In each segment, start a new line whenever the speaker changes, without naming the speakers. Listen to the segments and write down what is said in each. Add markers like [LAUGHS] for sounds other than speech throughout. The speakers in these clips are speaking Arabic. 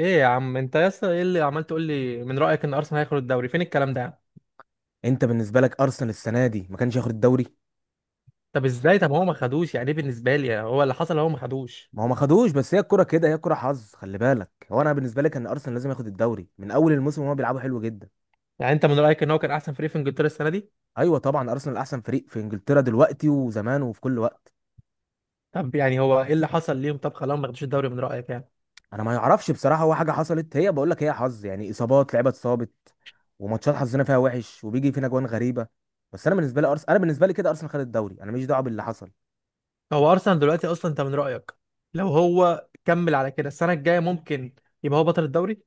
ايه يا عم؟ انت يا اسطى، ايه اللي عمال تقول لي، من رايك ان ارسنال هياخد الدوري؟ فين الكلام ده يا عم؟
انت بالنسبه لك ارسنال السنه دي ما كانش ياخد الدوري.
طب ازاي؟ طب هو ما خدوش. يعني ايه بالنسبه لي هو اللي حصل؟ هو ما خدوش.
ما هو ما خدوش، بس هي الكره كده، هي الكره حظ. خلي بالك، هو انا بالنسبه لي كان ارسنال لازم ياخد الدوري من اول الموسم، وهو بيلعبوا حلو جدا.
يعني انت من رايك ان هو كان احسن فريق في انجلترا السنه دي؟
ايوه طبعا، ارسنال احسن فريق في انجلترا دلوقتي وزمان وفي كل وقت.
طب يعني هو ايه اللي حصل ليهم؟ طب خلاهم ما خدوش الدوري من رايك يعني؟
انا ما يعرفش بصراحه، هو حاجه حصلت، هي بقول لك هي حظ، يعني اصابات لعيبه اتصابت وماتشات حظنا فيها وحش وبيجي فينا جوان غريبه. بس انا بالنسبه لي ارسنال، انا بالنسبه لي كده ارسنال خد الدوري، انا ماليش دعوه باللي حصل.
هو ارسنال دلوقتي اصلا انت من رايك، لو هو كمل على كده السنه الجايه ممكن يبقى هو بطل الدوري؟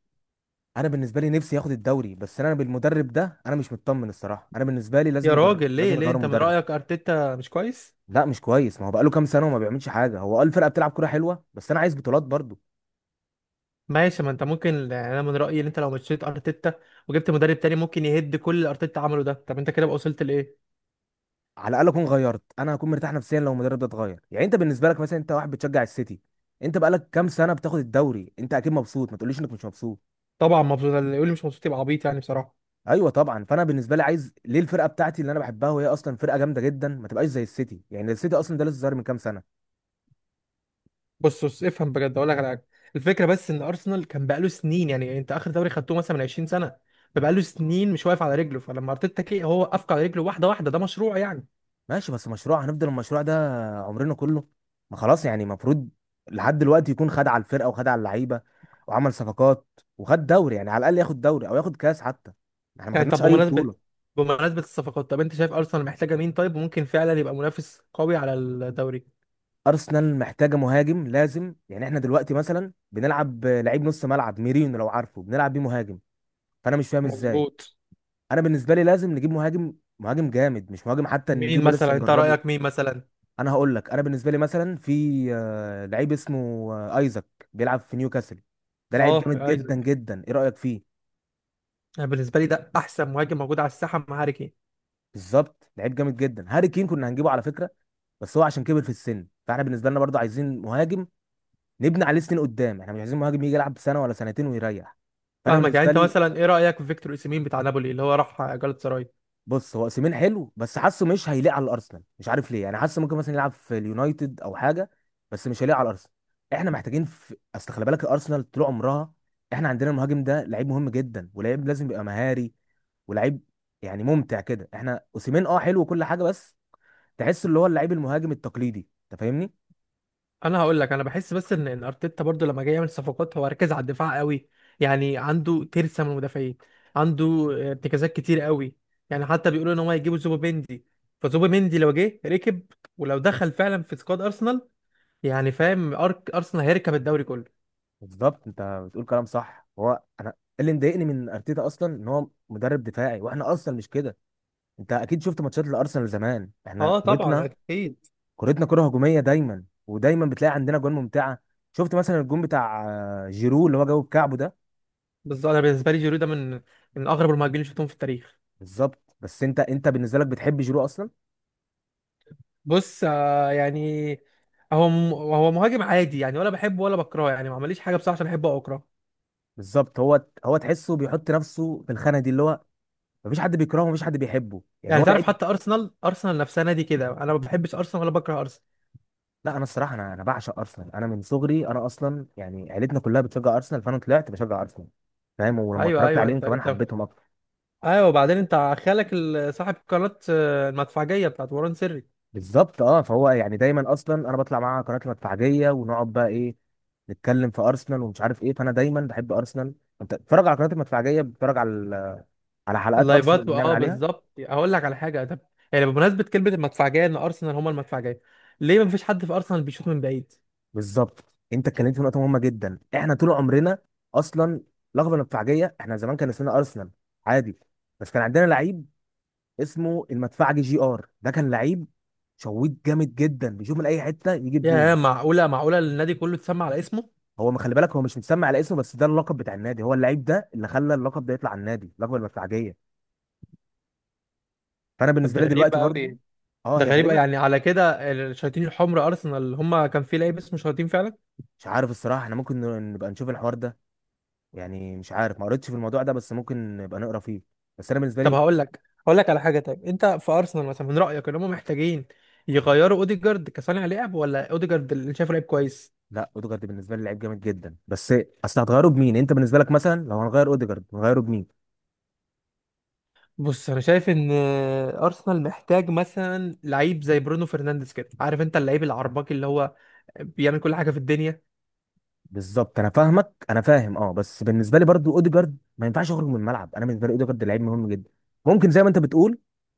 انا بالنسبه لي نفسي ياخد الدوري، بس انا بالمدرب ده انا مش مطمن الصراحه. انا بالنسبه لي
يا
لازم
راجل،
لازم
ليه ليه؟
يغيروا
انت من
المدرب.
رايك ارتيتا مش كويس؟
لا مش كويس، ما هو بقاله كام سنه وما بيعملش حاجه. هو قال الفرقه بتلعب كوره حلوه، بس انا عايز بطولات برضو.
ماشي، ما انت ممكن، يعني انا من رايي ان انت لو مشيت ارتيتا وجبت مدرب تاني ممكن يهد كل اللي ارتيتا عمله ده. طب انت كده بقى وصلت لايه؟
على الاقل اكون غيرت، انا هكون مرتاح نفسيا لو المدرب ده اتغير. يعني انت بالنسبه لك مثلا، انت واحد بتشجع السيتي، انت بقالك كام سنه بتاخد الدوري، انت اكيد مبسوط، ما تقوليش انك مش مبسوط.
طبعا مبسوط، اللي يقول لي مش مبسوط يبقى عبيط يعني بصراحه.
ايوه طبعا، فانا بالنسبه لي عايز ليه الفرقه بتاعتي اللي انا بحبها، وهي اصلا فرقه جامده جدا، ما تبقاش زي السيتي. يعني السيتي اصلا ده لسه ظاهر من كام سنه.
بص بص، افهم بجد، اقول لك على حاجه. الفكره بس ان ارسنال كان بقاله سنين، يعني انت اخر دوري خدته مثلا من 20 سنه، فبقاله سنين مش واقف على رجله، فلما ارتيتا كي هو وقفك على رجله، واحده واحده، ده مشروع يعني.
ماشي، بس مشروع؟ هنفضل المشروع ده عمرنا كله؟ ما خلاص يعني، المفروض لحد دلوقتي يكون خد على الفرقه وخد على اللعيبه وعمل صفقات وخد دوري. يعني على الاقل ياخد دوري او ياخد كاس حتى، احنا ما
يعني
خدناش
طب
اي
بمناسبه،
بطوله.
بمناسبه الصفقات، طب انت شايف ارسنال محتاجه مين، طيب ممكن فعلا يبقى منافس قوي على الدوري؟
ارسنال محتاجه مهاجم لازم. يعني احنا دلوقتي مثلا بنلعب لعيب نص ملعب، ميرينو لو عارفه، بنلعب بيه مهاجم، فانا مش فاهم ازاي.
مظبوط.
انا بالنسبه لي لازم نجيب مهاجم، مهاجم جامد، مش مهاجم حتى
مين
نجيبه لسه
مثلا انت
نجربه.
رايك، مين مثلا؟
انا هقول لك، انا بالنسبه لي مثلا في لعيب اسمه ايزاك، بيلعب في نيوكاسل. ده لعيب
اه
جامد جدا
ايزك،
جدا، ايه رايك فيه؟
انا بالنسبه لي ده احسن مهاجم موجود على الساحه مع هاري كين.
بالظبط، لعيب جامد جدا. هاري كين كنا هنجيبه على فكره، بس هو عشان كبر في السن، فاحنا بالنسبه لنا برضه عايزين مهاجم نبني عليه سنين قدام. احنا مش عايزين مهاجم يجي يلعب سنه ولا سنتين ويريح. فانا
فاهمك. يعني
بالنسبه
انت
لي،
مثلا ايه رايك في فيكتور اوسيمين بتاع نابولي اللي هو راح جالاتا سراي؟
بص، هو اوسيمين حلو، بس حاسه مش هيليق على الارسنال، مش عارف ليه. يعني حاسه ممكن مثلا يلعب في اليونايتد او حاجه، بس مش هيليق على الارسنال. احنا محتاجين اصل خلي بالك الارسنال طول عمرها، احنا عندنا المهاجم ده لعيب مهم جدا، ولعيب لازم يبقى مهاري، ولعيب يعني ممتع كده. احنا اوسيمين اه حلو وكل حاجه، بس تحس اللي هو اللعيب المهاجم التقليدي، انت فاهمني.
انا هقول لك، انا بحس بس ان ارتيتا برضو لما جاي يعمل صفقات هو ركز على الدفاع قوي، يعني عنده ترسه من المدافعين، عنده ارتكازات كتير قوي. يعني حتى بيقولوا ان هم هيجيبوا زوبيمندي، فزوبيمندي لو جه ركب، ولو دخل فعلا في سكواد ارسنال، يعني فاهم أرك ارسنال هيركب الدوري كله.
بالظبط، انت بتقول كلام صح. هو اللي مضايقني من ارتيتا اصلا ان هو مدرب دفاعي، واحنا ارسنال مش كده. انت اكيد شفت ماتشات الارسنال زمان، احنا
اه طبعا
كورتنا،
اكيد.
كورتنا كرة هجومية دايما، ودايما بتلاقي عندنا جوان ممتعة. شفت مثلا الجون بتاع جيرو اللي هو جابه بكعبه ده؟
بالظبط، انا بالنسبه لي جيرو ده من اغرب المهاجمين اللي شفتهم في التاريخ.
بالظبط، بس انت بالنسبة لك بتحب جيرو اصلا؟
بص، يعني، هو مهاجم عادي يعني، ولا بحبه ولا بكرهه، يعني ما عمليش حاجه بصراحه عشان احبه او اكرهه.
بالظبط. هو تحسه بيحط نفسه في الخانة دي، اللي هو مفيش حد بيكرهه مفيش حد بيحبه، يعني
يعني
هو
تعرف،
لعيب.
حتى ارسنال نفسها نادي كده، انا ما بحبش ارسنال ولا بكره ارسنال.
لا، انا الصراحة، انا بعشق ارسنال، انا من صغري، انا اصلا يعني عيلتنا كلها بتشجع ارسنال، فانا طلعت بشجع ارسنال، فاهم؟ ولما
ايوه
اتفرجت
ايوه،
عليهم
انت
كمان
انت،
حبيتهم اكتر.
ايوه. وبعدين انت خالك صاحب قناه المدفعجيه بتاعت وران سري.
بالظبط، اه، فهو يعني دايما اصلا انا بطلع معاه قناه المدفعجيه، ونقعد بقى ايه، نتكلم في ارسنال ومش عارف ايه، فانا دايما بحب ارسنال. انت بتتفرج على قناه المدفعجيه؟ بتتفرج على على حلقات ارسنال
اللايفات،
اللي بنعمل
اه
عليها؟
بالظبط. هقول لك على حاجه. طب يعني بمناسبه كلمه المدفعجيه ان ارسنال هما المدفعجيه، ليه ما فيش حد في ارسنال بيشوط من بعيد؟
بالظبط، انت اتكلمت في نقطه مهمه جدا. احنا طول عمرنا اصلا لقب المدفعجيه، احنا زمان كان اسمنا ارسنال عادي، بس كان عندنا لعيب اسمه المدفعجي، جي ار، ده كان لعيب شويت جامد جدا، بيشوف من اي حته يجيب جون.
يا معقوله، معقوله النادي كله اتسمى على اسمه؟
هو ما خلي بالك، هو مش متسمى على اسمه، بس ده اللقب بتاع النادي، هو اللعيب ده اللي خلى اللقب ده يطلع على النادي، اللقب المدفعجيه. فانا
طب
بالنسبه
ده
لي
غريب
دلوقتي برضو،
قوي.
اه
ده
هي
غريب،
غريبه.
يعني على كده الشياطين الحمر ارسنال هما كان في لعيب اسمه شياطين فعلا.
مش عارف الصراحه، احنا ممكن نبقى نشوف الحوار ده. يعني مش عارف، ما قريتش في الموضوع ده، بس ممكن نبقى نقرا فيه. بس انا بالنسبه
طب
لي،
هقول لك على حاجه. طيب انت في ارسنال مثلا من رايك ان هم محتاجين يغيروا اوديجارد كصانع لعب، ولا اوديجارد اللي شايفه لعيب كويس؟
لا، اوديجارد بالنسبه لي لعيب جامد جدا، بس اصل هتغيره بمين؟ انت بالنسبه لك مثلا لو هنغير اوديجارد هنغيره بمين؟
بص، انا شايف ان ارسنال محتاج مثلا لعيب زي برونو فرنانديز كده، عارف انت اللعيب العرباكي اللي هو بيعمل كل حاجه في الدنيا.
بالظبط، انا فاهمك، انا فاهم، اه. بس بالنسبه لي برضو اوديجارد ما ينفعش يخرج من الملعب، انا بالنسبه لي اوديجارد لعيب مهم جدا. ممكن زي ما انت بتقول،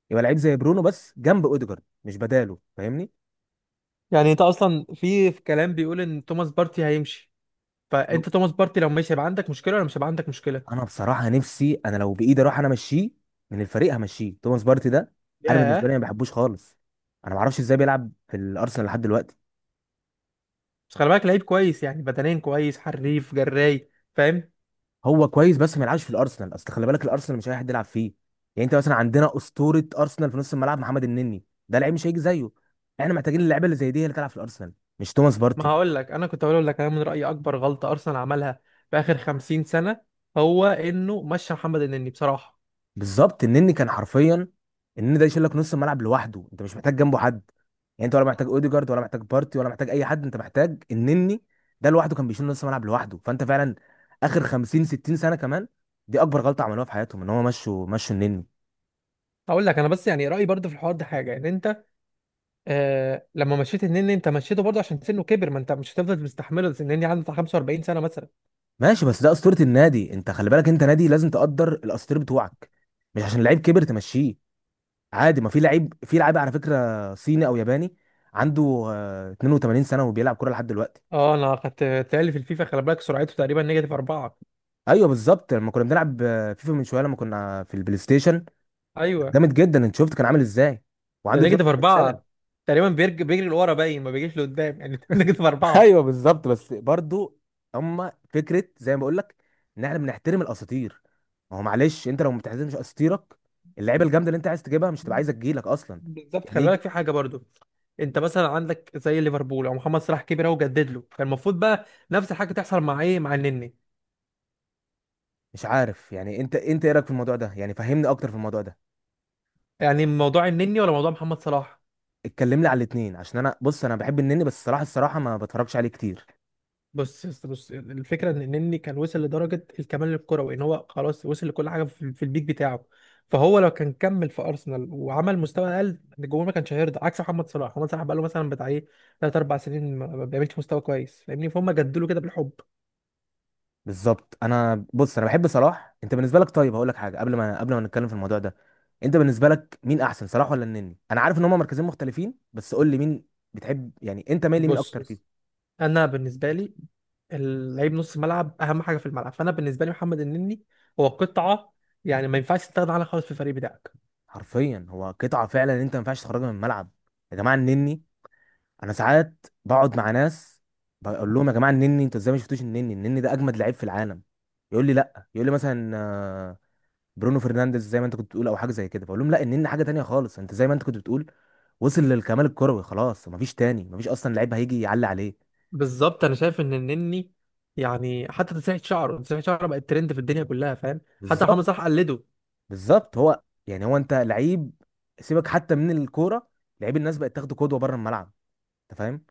يبقى لعيب زي برونو، بس جنب اوديجارد مش بداله، فاهمني؟
يعني انت اصلا في كلام بيقول ان توماس بارتي هيمشي،
انا
فانت توماس بارتي لو ماشي هيبقى عندك مشكله، ولا مش هيبقى عندك مشكله؟
أنا بصراحه نفسي انا لو بايدي اروح انا امشيه من الفريق، همشيه توماس بارتي ده. انا بالنسبه لي
ياه.
ما بحبوش خالص، انا ما اعرفش ازاي بيلعب في الارسنال لحد دلوقتي.
بس خلي بالك لعيب كويس، يعني بدنيا كويس، حريف جراي، فاهم.
هو كويس بس ما يلعبش في الارسنال، اصل خلي بالك الارسنال مش اي حد يلعب فيه. يعني انت مثلا عندنا اسطوره ارسنال في نص الملعب، محمد النني، ده لعيب مش هيجي زيه. احنا محتاجين اللعيبه اللي زي دي هي اللي تلعب في الارسنال، مش توماس
ما
بارتي.
هقول لك، انا كنت هقول لك انا من رايي اكبر غلطه ارسنال عملها في اخر 50 سنه هو انه مشى محمد النني بصراحه.
بالظبط، النني كان حرفيا، النني ده يشيل لك نص الملعب لوحده، انت مش محتاج جنبه حد. يعني انت ولا محتاج اوديجارد ولا محتاج بارتي ولا محتاج اي حد، انت محتاج النني ده لوحده، كان بيشيل نص الملعب لوحده. فانت فعلا اخر 50 60 سنه كمان، دي اكبر غلطه عملوها في حياتهم، ان هم مشوا النني.
هقول لك انا بس، يعني رايي برضه في الحوار ده حاجه، ان انت آه، لما مشيت النني انت مشيته برضه عشان سنه كبر، ما انت مش هتفضل مستحمله، بس النني عنده بتاع 45 سنه مثلا.
ماشي، بس ده اسطوره النادي، انت خلي بالك، انت نادي لازم تقدر الاساطير بتوعك، مش عشان لعيب كبر تمشيه عادي. ما في لعيب، في لعيب على فكره صيني او ياباني عنده 82 سنه وبيلعب كوره لحد دلوقتي.
اه انا خدت تالي في الفيفا، خلي بالك سرعته تقريبا نيجاتيف اربعه،
ايوه بالظبط، لما كنا بنلعب فيفا من شويه، لما كنا في البلاي ستيشن،
ايوه.
جامد جدا، انت شفت كان عامل ازاي
ده
وعنده
نيجاتيف
82 سنه.
اربعه تقريبا، بيجري لورا باين ما بيجيش لقدام يعني [LAUGHS] نيجاتيف
[LAUGHS]
اربعه.
ايوه بالظبط، بس برضو، اما فكره زي ما بقول لك ان احنا بنحترم الاساطير، ما هو معلش، انت لو ما بتحترمش اساطيرك، اللعيبه الجامده اللي انت عايز تجيبها مش تبقى عايزه تجيلك اصلا.
بالظبط.
يعني
خلي بالك في
إيه؟
حاجه برضو، انت مثلا عندك زي ليفربول او محمد صلاح كبر اهو جدد له، كان المفروض بقى نفس الحاجه تحصل مع ايه، مع النني.
مش عارف، يعني انت ايه رايك في الموضوع ده؟ يعني فهمني اكتر في الموضوع ده.
يعني موضوع النني ولا موضوع محمد صلاح؟
اتكلم لي على الاثنين، عشان انا، بص، انا بحب النني بس الصراحه الصراحه ما بتفرجش عليه كتير.
بص يا اسطى، بص الفكره ان النني كان وصل لدرجه الكمال الكروي، ان هو خلاص وصل لكل حاجه في البيك بتاعه، فهو لو كان كمل في ارسنال وعمل مستوى اقل الجمهور ما كانش هيرضى. عكس محمد صلاح، محمد صلاح بقى له مثلا بتاع ايه 3 4 سنين ما بيعملش مستوى كويس فاهمني، فهم جددوا له كده بالحب.
بالظبط، انا، بص، انا بحب صلاح. انت بالنسبه لك، طيب هقول لك حاجه، قبل ما نتكلم في الموضوع ده، انت بالنسبه لك مين احسن، صلاح ولا النني؟ انا عارف ان هما مركزين مختلفين، بس قول لي مين بتحب، يعني انت مايل لمين اكتر فيهم؟
بص، انا بالنسبه لي اللعيب نص الملعب اهم حاجه في الملعب، فانا بالنسبه لي محمد النني هو قطعه، يعني ما ينفعش تستغنى عنها خالص في الفريق بتاعك.
حرفيا هو قطعه فعلا، انت ما ينفعش تخرجها من الملعب. يا جماعه النني. انا ساعات بقعد مع ناس بقول لهم يا جماعه النني، انتوا ازاي ما شفتوش النني؟ النني ده اجمد لعيب في العالم. يقول لي لا، يقول لي مثلا برونو فرنانديز زي ما انت كنت بتقول، او حاجه زي كده. فاقول لهم لا، النني حاجه تانية خالص. انت زي ما انت كنت بتقول، وصل للكمال الكروي، خلاص مفيش تاني، مفيش اصلا لعيب هيجي يعلي عليه.
بالظبط. انا شايف ان النني، يعني حتى تسريحه شعره بقت ترند في الدنيا كلها فاهم، حتى محمد صلاح
بالظبط.
قلده.
بالظبط، هو يعني، هو انت لعيب، سيبك حتى من الكوره، لعيب الناس بقت تاخده قدوه بره الملعب، انت فاهم؟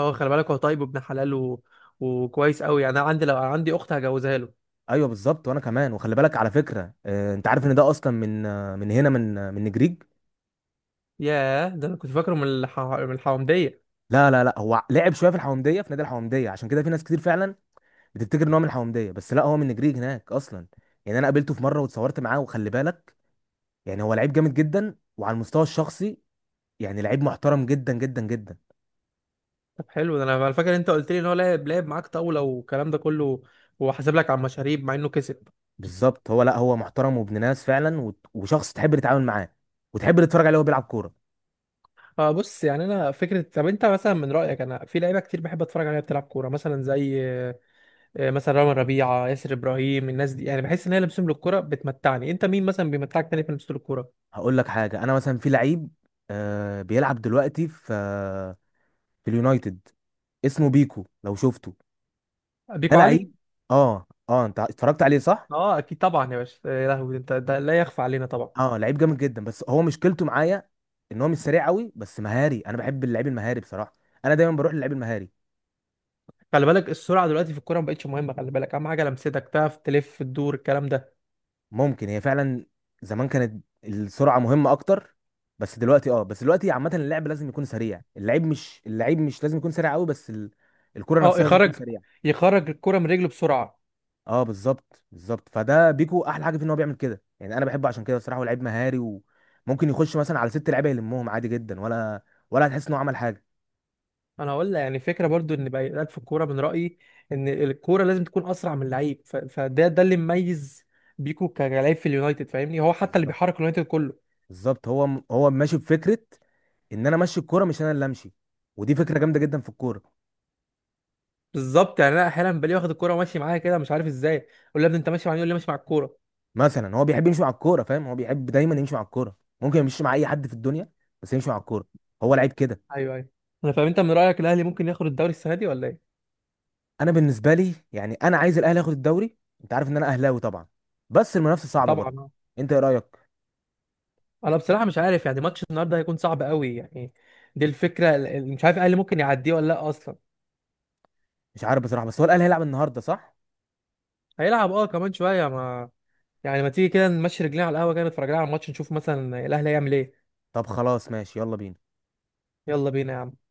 هو خلي بالك هو طيب وابن حلال وكويس قوي يعني، انا عندي لو عندي اخت هجوزها له.
ايوه بالظبط، وانا كمان. وخلي بالك على فكره، انت عارف ان ده اصلا من، من هنا، من من نجريج.
ياه. ده انا كنت فاكره من من الحومديه.
لا لا لا، هو لعب شويه في الحومديه، في نادي الحومديه، عشان كده في ناس كتير فعلا بتفتكر ان هو من الحومديه، بس لا، هو من نجريج هناك اصلا. يعني انا قابلته في مره واتصورت معاه، وخلي بالك يعني هو لعيب جامد جدا، وعلى المستوى الشخصي يعني لعيب محترم جدا جدا جدا.
طب حلو ده، انا فاكر انت قلت لي ان هو لعب معاك طاوله والكلام ده كله، وحاسب لك على المشاريب مع انه كسب.
بالظبط. هو لا، هو محترم وابن ناس فعلا، وشخص تحب تتعامل معاه وتحب تتفرج عليه وهو بيلعب كوره.
اه بص، يعني انا فكره، طب انت مثلا من رايك، انا في لعيبه كتير بحب اتفرج عليها بتلعب كوره، مثلا زي مثلا رامي ربيعه، ياسر ابراهيم، الناس دي يعني بحس ان هي لمسهم للكوره بتمتعني. انت مين مثلا بيمتعك تاني في لمسه الكوره؟
هقول لك حاجه، انا مثلا في لعيب آه بيلعب دلوقتي في في اليونايتد اسمه بيكو، لو شفته، ده
بيكو علي.
لعيب. اه اه، انت اتفرجت عليه، صح.
اه اكيد طبعا يا باشا، يا لهوي انت، ده لا يخفى علينا طبعا.
اه لعيب جامد جدا، بس هو مشكلته معايا ان هو مش سريع قوي، بس مهاري، انا بحب اللعيب المهاري بصراحه، انا دايما بروح للعيب المهاري.
خلي بالك السرعه دلوقتي في الكوره ما بقتش مهمه، خلي بالك اهم حاجه لمستك، تعرف تلف تدور، الكلام ده.
ممكن، هي فعلا زمان كانت السرعه مهمه اكتر، بس دلوقتي، اه بس دلوقتي عامه، اللعب لازم يكون سريع، اللعيب مش، اللعيب مش لازم يكون سريع قوي، بس الكره
اه،
نفسها لازم تكون
يخرج
سريعه.
يخرج الكوره من رجله بسرعه.
اه بالظبط، بالظبط، فده بيكو احلى حاجه في ان هو بيعمل كده، يعني انا بحبه عشان كده بصراحه، هو لعيب مهاري وممكن يخش مثلا على ست لعيبه يلمهم عادي جدا، ولا ولا هتحس ان هو عمل حاجه.
انا هقول لك، يعني فكره برضو ان بقى في الكوره، من رايي ان الكوره لازم تكون اسرع من اللعيب، فده ده اللي مميز بيكو كلاعب في اليونايتد فاهمني، هو حتى اللي
بالظبط،
بيحرك اليونايتد كله.
بالظبط، هو ماشي بفكره ان انا امشي الكوره، مش انا اللي امشي، ودي فكره جامده جدا في الكوره.
بالظبط. يعني انا احيانا بلاقيه واخد الكوره وماشي معايا كده، مش عارف ازاي، اقول له يا ابني انت ماشي معايا، يقول لي ماشي مع الكوره.
مثلا هو بيحب يمشي مع الكوره، فاهم، هو بيحب دايما يمشي مع الكوره، ممكن يمشي مع اي حد في الدنيا بس يمشي مع الكوره، هو لعيب كده.
ايوه ايوه، انا فاهم. انت من رايك الاهلي ممكن ياخد الدوري السنه دي ولا ايه؟
انا بالنسبه لي يعني انا عايز الاهلي ياخد الدوري، انت عارف ان انا اهلاوي طبعا، بس المنافسه صعبه
طبعا
برضه.
آه.
انت ايه رايك؟
انا بصراحه مش عارف، يعني ماتش النهارده هيكون صعب قوي يعني. دي الفكره مش عارف الاهلي ممكن يعديه ولا لا اصلا.
مش عارف بصراحه، بس هو الاهلي هيلعب النهارده، صح؟
هيلعب اه كمان شويه، ما يعني ما تيجي كده نمشي رجلينا على القهوه، كده نتفرج لنا على الماتش، نشوف مثلا الاهلي هيعمل ايه.
طب خلاص، ماشي، يلا بينا.
يلا بينا يا عم.